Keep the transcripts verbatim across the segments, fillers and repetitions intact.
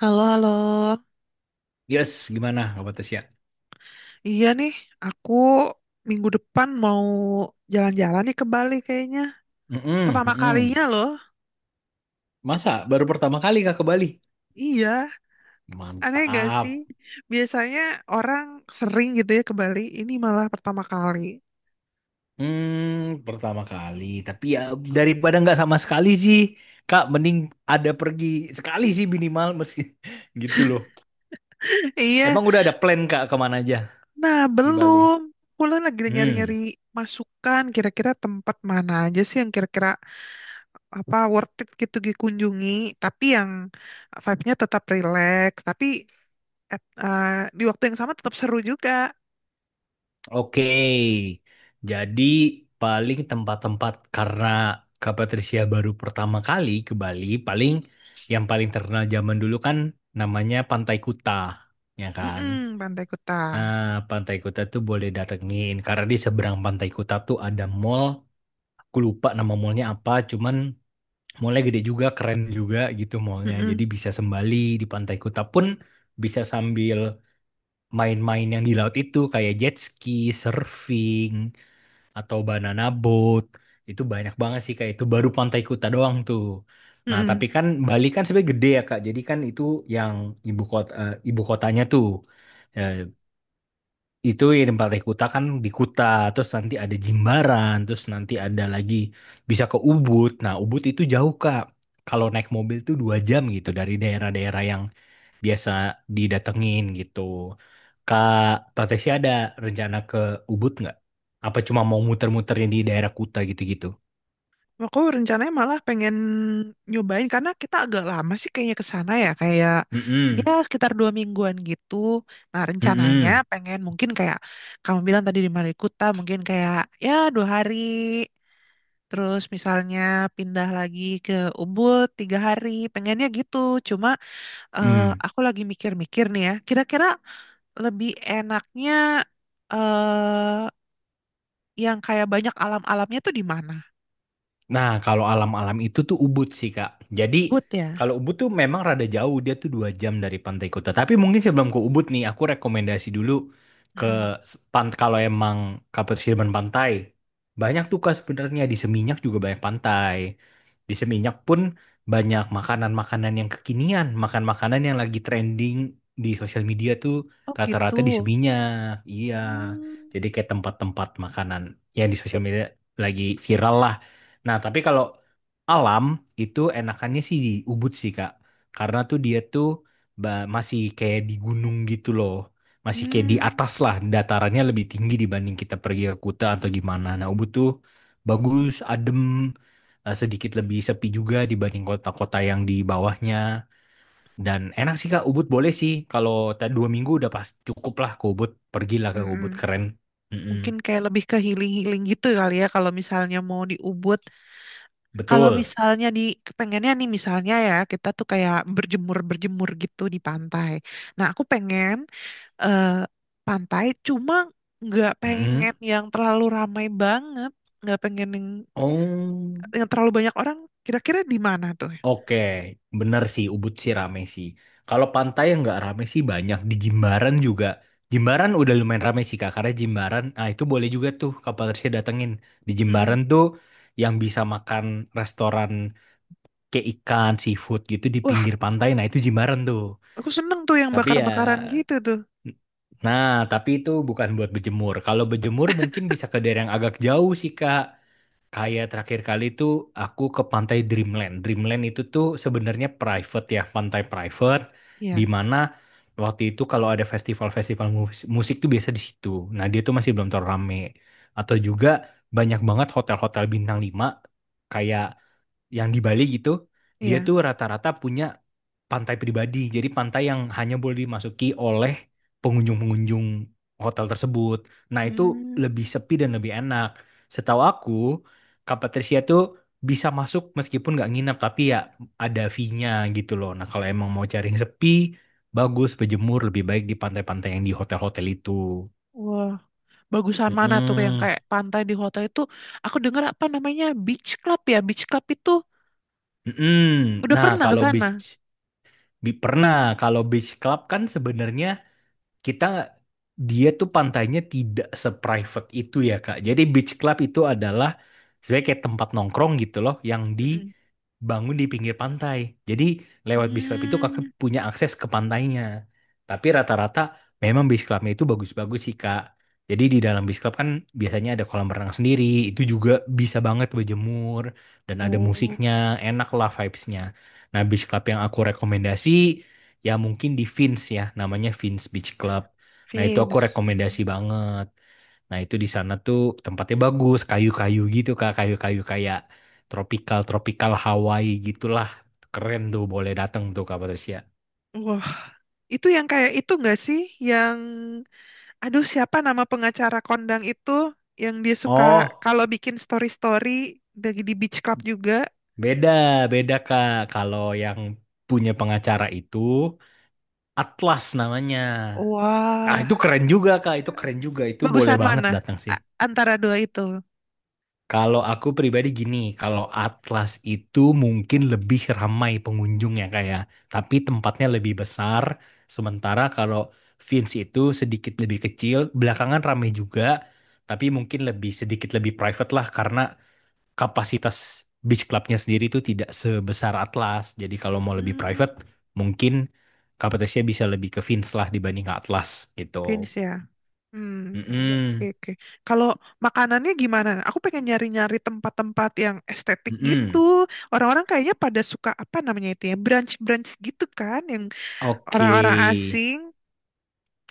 Halo, halo. Yes, gimana kabar Tasya? Iya nih, aku minggu depan mau jalan-jalan nih ke Bali kayaknya. Mm-mm, Pertama mm-mm. kalinya loh. Masa baru pertama kali Kak ke Bali? Iya, aneh nggak Mantap. sih? Biasanya orang sering gitu ya ke Bali, ini malah pertama kali. Hmm, pertama kali. Tapi ya daripada nggak sama sekali sih, Kak, mending ada pergi sekali sih minimal meski gitu loh. Iya, Emang udah ada plan Kak kemana aja nah di Bali? belum. Pulang lagi nyari-nyari Hmm. masukan, kira-kira tempat mana aja sih yang kira-kira apa worth it gitu dikunjungi, tapi yang vibe-nya tetap relax, tapi at- eh, di waktu yang sama tetap seru juga. Oke, jadi paling tempat-tempat karena Kak Patricia baru pertama kali ke Bali, paling yang paling terkenal zaman dulu kan namanya Pantai Kuta, ya kan? Mm-mm, Pantai Kuta. Nah, Pantai Kuta tuh boleh datengin karena di seberang Pantai Kuta tuh ada mall. Aku lupa nama mallnya apa, cuman mallnya gede juga, keren juga gitu mallnya. Jadi Mm-mm, bisa sembali di Pantai Kuta pun bisa sambil main-main yang di laut itu kayak jet ski, surfing atau banana boat itu banyak banget sih kak. Itu baru Pantai Kuta doang tuh. Nah mm-mm. tapi kan Bali kan sebenarnya gede ya kak, jadi kan itu yang ibu kota eh, ibu kotanya tuh. Eh, itu yang Pantai Kuta kan di Kuta, terus nanti ada Jimbaran, terus nanti ada lagi bisa ke Ubud. Nah Ubud itu jauh kak, kalau naik mobil tuh dua jam gitu dari daerah-daerah yang biasa didatengin gitu. Kak Tateshi ada rencana ke Ubud nggak? Apa cuma mau muter-muterin di daerah Kuta gitu-gitu? Aku rencananya malah pengen nyobain karena kita agak lama sih kayaknya ke sana ya kayak ya Mm-mm. sekitar dua mingguan gitu. Nah, rencananya Mm-mm. pengen mungkin kayak kamu bilang tadi di Kuta mungkin kayak ya dua hari. Terus misalnya pindah lagi ke Ubud tiga hari. Pengennya gitu. Cuma eh, Mm. aku lagi mikir-mikir nih ya. Kira-kira lebih enaknya. eh yang kayak banyak alam-alamnya tuh di mana? Nah, kalau alam-alam itu tuh Ubud sih, Kak. Jadi, Ubud ya? kalau Ubud tuh memang rada jauh, dia tuh dua jam dari pantai kota. Tapi mungkin sebelum ke Ubud nih, aku rekomendasi dulu ke Mm-mm. pant kalau emang Kapuasirman pantai. Banyak tuh Kak, sebenarnya di Seminyak juga banyak pantai. Di Seminyak pun banyak makanan-makanan yang kekinian, makan-makanan yang lagi trending di sosial media tuh Oh gitu. rata-rata di Seminyak. Iya. Hmm. Jadi kayak tempat-tempat makanan yang di sosial media lagi viral lah. Nah, tapi kalau alam itu enakannya sih di Ubud sih, Kak. Karena tuh dia tuh ba- masih kayak di gunung gitu loh. Masih kayak di Hmm. atas lah, datarannya lebih tinggi dibanding kita pergi ke Kuta atau gimana. Nah, Ubud tuh bagus, adem, eh, sedikit lebih sepi juga dibanding kota-kota yang di bawahnya. Dan enak sih, Kak. Ubud boleh sih. Kalau ta- dua minggu udah pas cukup lah ke Ubud. Pergilah ke Ubud, Mm-mm. keren. Mungkin Mm-mm. kayak lebih ke healing-healing gitu kali ya kalau misalnya mau di Ubud. Kalau Betul. misalnya di pengennya nih misalnya ya kita tuh kayak berjemur-berjemur gitu di pantai. Nah, aku pengen eh, pantai cuma nggak Mm-mm. pengen yang terlalu ramai banget, nggak pengen yang, Oh. yang terlalu banyak orang. Kira-kira di mana tuh? Oke, bener sih Ubud sih rame sih. Kalau pantai yang nggak rame sih banyak di Jimbaran juga. Jimbaran udah lumayan rame sih Kak, karena Jimbaran, ah itu boleh juga tuh Kapal Tersia datengin. Di Mm-mm. Jimbaran tuh yang bisa makan restoran kayak ikan, seafood gitu di Wah, pinggir pantai, nah itu Jimbaran tuh. aku seneng tuh yang Tapi ya, bakar-bakaran gitu tuh. nah tapi itu bukan buat berjemur. Kalau berjemur mungkin bisa ke daerah yang agak jauh sih Kak. Kayak terakhir kali tuh aku ke pantai Dreamland. Dreamland itu tuh sebenarnya private ya, pantai private di Iya, mana waktu itu kalau ada festival-festival mus- musik tuh biasa di situ. Nah, dia tuh masih belum terlalu rame. Atau juga banyak banget hotel-hotel bintang lima kayak yang di Bali gitu, dia iya. tuh rata-rata punya pantai pribadi. Jadi pantai yang hanya boleh dimasuki oleh pengunjung-pengunjung hotel tersebut. Nah, itu Hmm. lebih sepi dan lebih enak. Setahu aku, Kak Patricia tuh bisa masuk meskipun nggak nginep, tapi ya ada fee-nya gitu loh. Nah, kalau emang mau cari yang sepi, bagus berjemur lebih baik di pantai-pantai yang di hotel-hotel itu. Wah, bagusan mana tuh yang Mm-mm. kayak pantai di hotel itu? Aku dengar apa namanya beach club ya? Beach club itu Mm-mm. udah Nah, pernah ke kalau sana. beach bi- pernah kalau beach club kan sebenarnya kita dia tuh pantainya tidak seprivate itu ya Kak. Jadi beach club itu adalah sebenarnya kayak tempat nongkrong gitu loh yang Mm-mm. dibangun di pinggir pantai. Jadi lewat beach club itu Kakak Hmm. punya akses ke pantainya. Tapi rata-rata memang beach clubnya itu bagus-bagus sih Kak. Jadi di dalam beach club kan biasanya ada kolam renang sendiri, itu juga bisa banget berjemur dan ada Oh, musiknya, enak lah vibes-nya. Nah, beach club yang aku rekomendasi ya mungkin di Vince ya, namanya Vince Beach Club. Nah itu aku Vince. rekomendasi banget, nah itu di sana tuh tempatnya bagus kayu-kayu gitu kak, kayu-kayu kayak tropical tropical Hawaii gitulah, keren tuh boleh datang tuh kak Patricia. Wah, itu yang kayak itu nggak sih? Yang, aduh siapa nama pengacara kondang itu? Yang dia suka Oh, kalau bikin story-story dari di beach club juga. beda beda kak kalau yang punya pengacara itu Atlas namanya. Ah Wah. itu keren juga kak, itu keren juga, itu boleh Bagusan banget mana? datang sih. A- antara dua itu. Kalau aku pribadi gini, kalau Atlas itu mungkin lebih ramai pengunjungnya kayak, tapi tempatnya lebih besar. Sementara kalau Vince itu sedikit lebih kecil, belakangan ramai juga, tapi mungkin lebih sedikit lebih private lah karena kapasitas beach clubnya sendiri itu tidak sebesar Atlas. Jadi kalau mau lebih private, Hmm, mungkin kapasitasnya bisa lebih ke Vince lah dibanding ke Atlas gitu. Vince ya. Hmm, oke, Mm-mm. oke. Kalau makanannya gimana? Aku pengen nyari-nyari tempat-tempat yang estetik gitu. Mm-mm. Orang-orang kayaknya pada suka apa namanya itu ya, brunch-brunch gitu kan, yang Oke. orang-orang asing.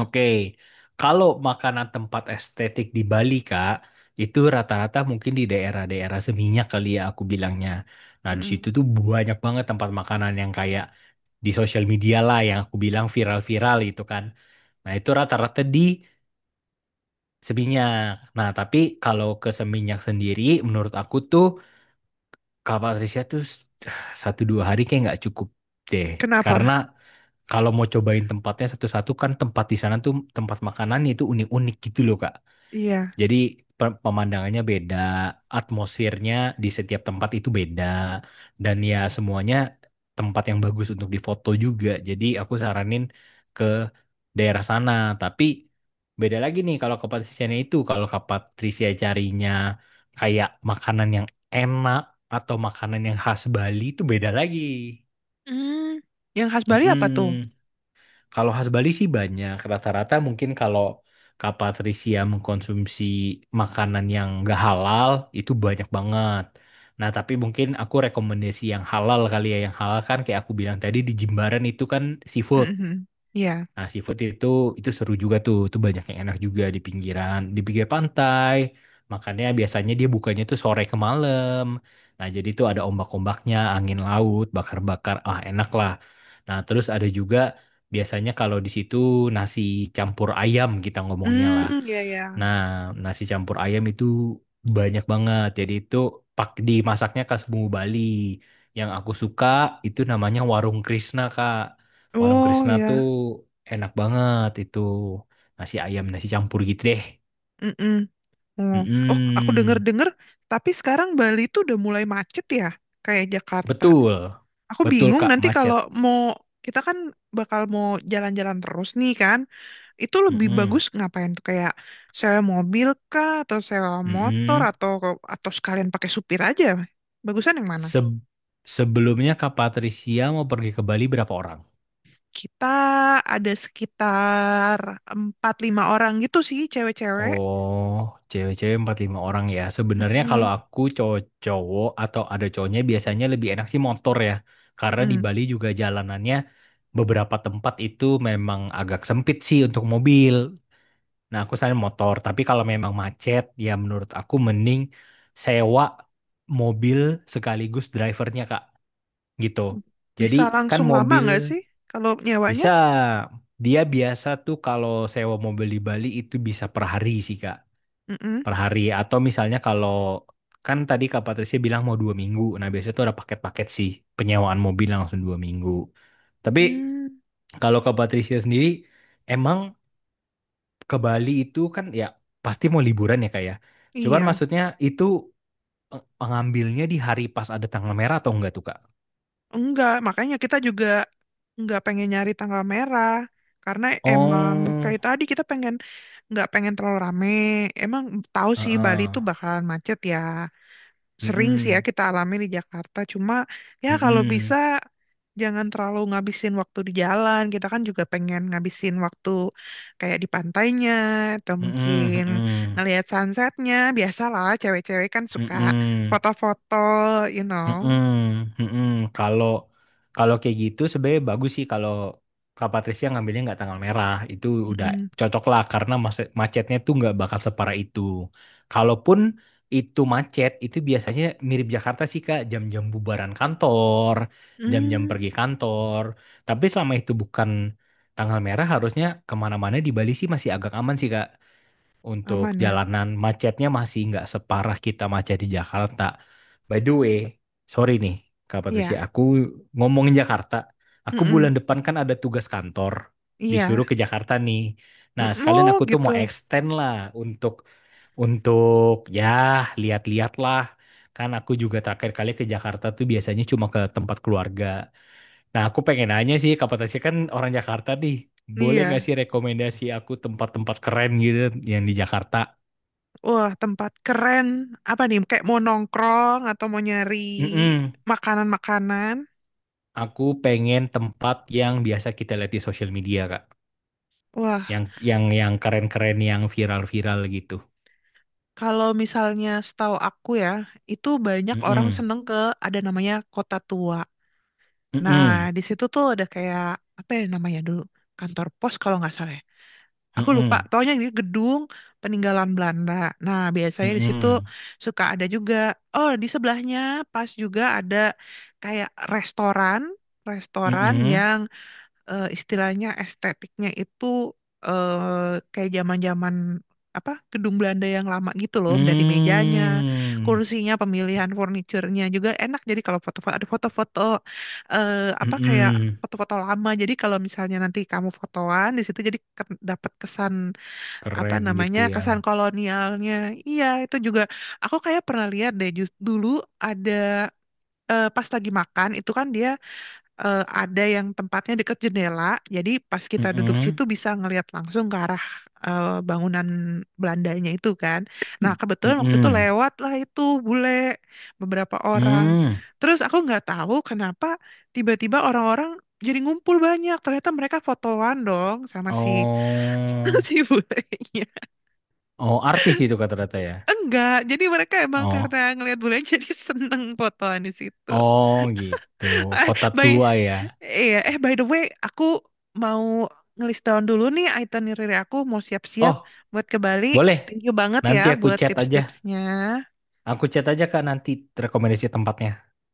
Oke, kalau makanan tempat estetik di Bali, Kak, itu rata-rata mungkin di daerah-daerah Seminyak kali ya aku bilangnya. Nah, di Mm, situ tuh banyak banget tempat makanan yang kayak di sosial media lah yang aku bilang viral-viral itu kan. Nah, itu rata-rata di Seminyak. Nah, tapi kalau ke Seminyak sendiri, menurut aku tuh Kak Patricia tuh satu dua hari kayak nggak cukup deh. Karena Kenapa? kalau mau cobain tempatnya satu-satu kan tempat di sana tuh tempat makanannya itu unik-unik gitu loh Kak. Iya. Jadi pemandangannya beda, atmosfernya di setiap tempat itu beda, dan ya semuanya tempat yang bagus untuk difoto juga. Jadi aku saranin ke daerah sana, tapi beda lagi nih kalau ke Patrisianya itu, kalau ke Patrisia carinya kayak makanan yang enak atau makanan yang khas Bali itu beda lagi. Hmm, yang khas Bali apa tuh? Mm-mm. Kalau khas Bali sih banyak. Rata-rata mungkin kalau Kak Patricia mengkonsumsi makanan yang gak halal, itu banyak banget. Nah, tapi mungkin aku rekomendasi yang halal kali ya. Yang halal kan kayak aku bilang tadi di Jimbaran itu kan seafood. Mhm. Iya. Nah, seafood itu itu seru juga tuh. Itu banyak yang enak juga di pinggiran, di pinggir pantai. Makanya biasanya dia bukanya tuh sore ke malam. Nah, jadi tuh ada ombak-ombaknya, angin laut, bakar-bakar. Ah, enak lah. Nah, terus ada juga biasanya kalau di situ nasi campur ayam kita ngomongnya lah. Hmm, iya ya. Nah, nasi campur ayam itu banyak banget. Jadi itu pak dimasaknya khas Bumbu Bali. Yang aku suka itu namanya Warung Krisna, Kak. Warung Oh Krisna tuh ya. enak banget itu, nasi ayam nasi campur gitu deh. Mm-mm. Oh, oh, aku Mm-mm. denger-denger, tapi sekarang Bali itu udah mulai macet ya, kayak Jakarta. Betul, Aku betul bingung Kak nanti kalau macet. mau, kita kan bakal mau jalan-jalan terus nih kan, itu lebih bagus Mm-mm. ngapain tuh kayak sewa mobil kah, atau sewa motor, Mm-mm. atau atau sekalian pakai supir aja. Bagusan yang mana? Se- Sebelumnya Kak Patricia mau pergi ke Bali berapa orang? Kita ada sekitar empat lima orang gitu sih, cewek-cewek. Oh, cewek-cewek empat lima orang ya. Sebenarnya kalau Mm-mm. aku cowok-cowok atau ada cowoknya biasanya lebih enak sih motor ya. Karena di Mm-mm. Bali juga jalanannya beberapa tempat itu memang agak sempit sih untuk mobil. Nah, aku selain motor, tapi kalau memang macet, ya menurut aku mending sewa mobil sekaligus drivernya, Kak. Gitu. Jadi Bisa kan langsung lama mobil nggak sih kalau nyewanya? bisa, dia biasa tuh kalau sewa mobil di Bali itu bisa per hari sih, Kak. Mm-mm. Per hari. Atau misalnya kalau, kan tadi Kak Patricia bilang mau dua minggu. Nah, biasanya tuh ada paket-paket sih, penyewaan mobil langsung dua minggu. Tapi Hmm, kalau Kak Patricia sendiri, emang ke Bali itu kan ya pasti mau liburan ya kak ya. Cuman iya, maksudnya itu eh, ngambilnya di hari pas ada tanggal merah atau enggak tuh kak? enggak. Makanya kita juga enggak pengen nyari tanggal merah karena emang Oh, kayak tadi kita pengen enggak pengen terlalu rame. Emang tahu sih Bali heeh, itu bakalan macet ya. Sering sih ya mm-mm, kita alami di Jakarta. Cuma ya kalau bisa mm-mm, jangan terlalu ngabisin waktu di jalan. Kita kan juga pengen ngabisin waktu kayak di pantainya atau mm-mm, mungkin mm-mm, ngelihat sunsetnya. Biasalah cewek-cewek kan mm-mm, suka mm-mm. foto-foto, you know. Mm-mm, mm-mm. Kalau kalau kayak gitu sebenarnya bagus sih kalau Kak Patricia ngambilnya nggak tanggal merah itu udah Mm-mm. cocok lah karena mas- macetnya tuh nggak bakal separah itu. Kalaupun itu macet itu biasanya mirip Jakarta sih Kak, jam-jam bubaran kantor, jam-jam Hmm, pergi kantor. Tapi selama itu bukan tanggal merah, harusnya kemana-mana di Bali sih masih agak aman sih Kak. Untuk aman ya. jalanan macetnya masih nggak separah kita macet di Jakarta. By the way, sorry nih Kak Iya. Patricia, aku ngomongin Jakarta. Aku Mm-mm. bulan depan kan ada tugas kantor, Iya. disuruh ke Jakarta nih. Mm, Nah, sekalian oh aku tuh gitu. mau extend lah untuk untuk ya lihat-lihat lah. Kan aku juga terakhir kali ke Jakarta tuh biasanya cuma ke tempat keluarga. Nah, aku pengen nanya sih, Kak Patasya kan orang Jakarta nih. Boleh Iya. nggak sih rekomendasi aku tempat-tempat keren gitu yang di Jakarta? Wah, tempat keren. Apa nih? Kayak mau nongkrong atau mau nyari Mm-mm. makanan-makanan. Aku pengen tempat yang biasa kita lihat di sosial media, Kak. Wah, Yang yang yang keren-keren, yang viral-viral gitu. kalau misalnya setahu aku ya, itu banyak orang Mm-mm. seneng ke ada namanya Kota Tua. Nah, Mm-mm. di situ tuh ada kayak apa ya namanya dulu? Kantor pos kalau nggak salah ya. Aku lupa, Mm-mm. taunya ini gedung peninggalan Belanda. Nah, biasanya di situ Mm-mm. suka ada juga. Oh, di sebelahnya pas juga ada kayak restoran, restoran Mm-mm. yang eh, istilahnya estetiknya itu eh, kayak zaman-zaman apa gedung Belanda yang lama gitu loh dari mejanya, Mm. kursinya, pemilihan furniturnya juga enak. Jadi kalau foto-foto ada foto-foto eh, apa kayak Mm-mm. foto-foto lama. Jadi kalau misalnya nanti kamu fotoan di situ jadi ke- dapat kesan apa Keren gitu namanya ya. kesan kolonialnya. Iya itu juga aku kayak pernah lihat deh jus- dulu ada eh, pas lagi makan itu kan dia eh, ada yang tempatnya dekat jendela, jadi pas kita duduk Mm-mm. situ bisa ngelihat langsung ke arah eh, bangunan Belandanya itu kan. Nah, kebetulan waktu itu Mm-mm. lewat lah itu bule beberapa orang. Mm. Terus aku nggak tahu kenapa tiba-tiba orang-orang jadi ngumpul banyak. Ternyata mereka fotoan dong sama si Oh. si bulenya. Oh, artis itu kata rata ya. Enggak, jadi mereka emang Oh, karena ngelihat bule jadi seneng fotoan di situ. oh gitu. Eh, Kota by tua ya. iya, eh by the way, aku mau ngelis down dulu nih itinerary aku mau siap-siap Oh, buat ke Bali. boleh. Thank you banget ya Nanti aku buat chat aja. tips-tipsnya. Aku chat aja Kak nanti rekomendasi tempatnya.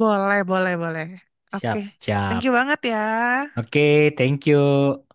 Boleh, boleh, boleh. Oke, Siap, thank you siap. banget ya. Oke, thank you.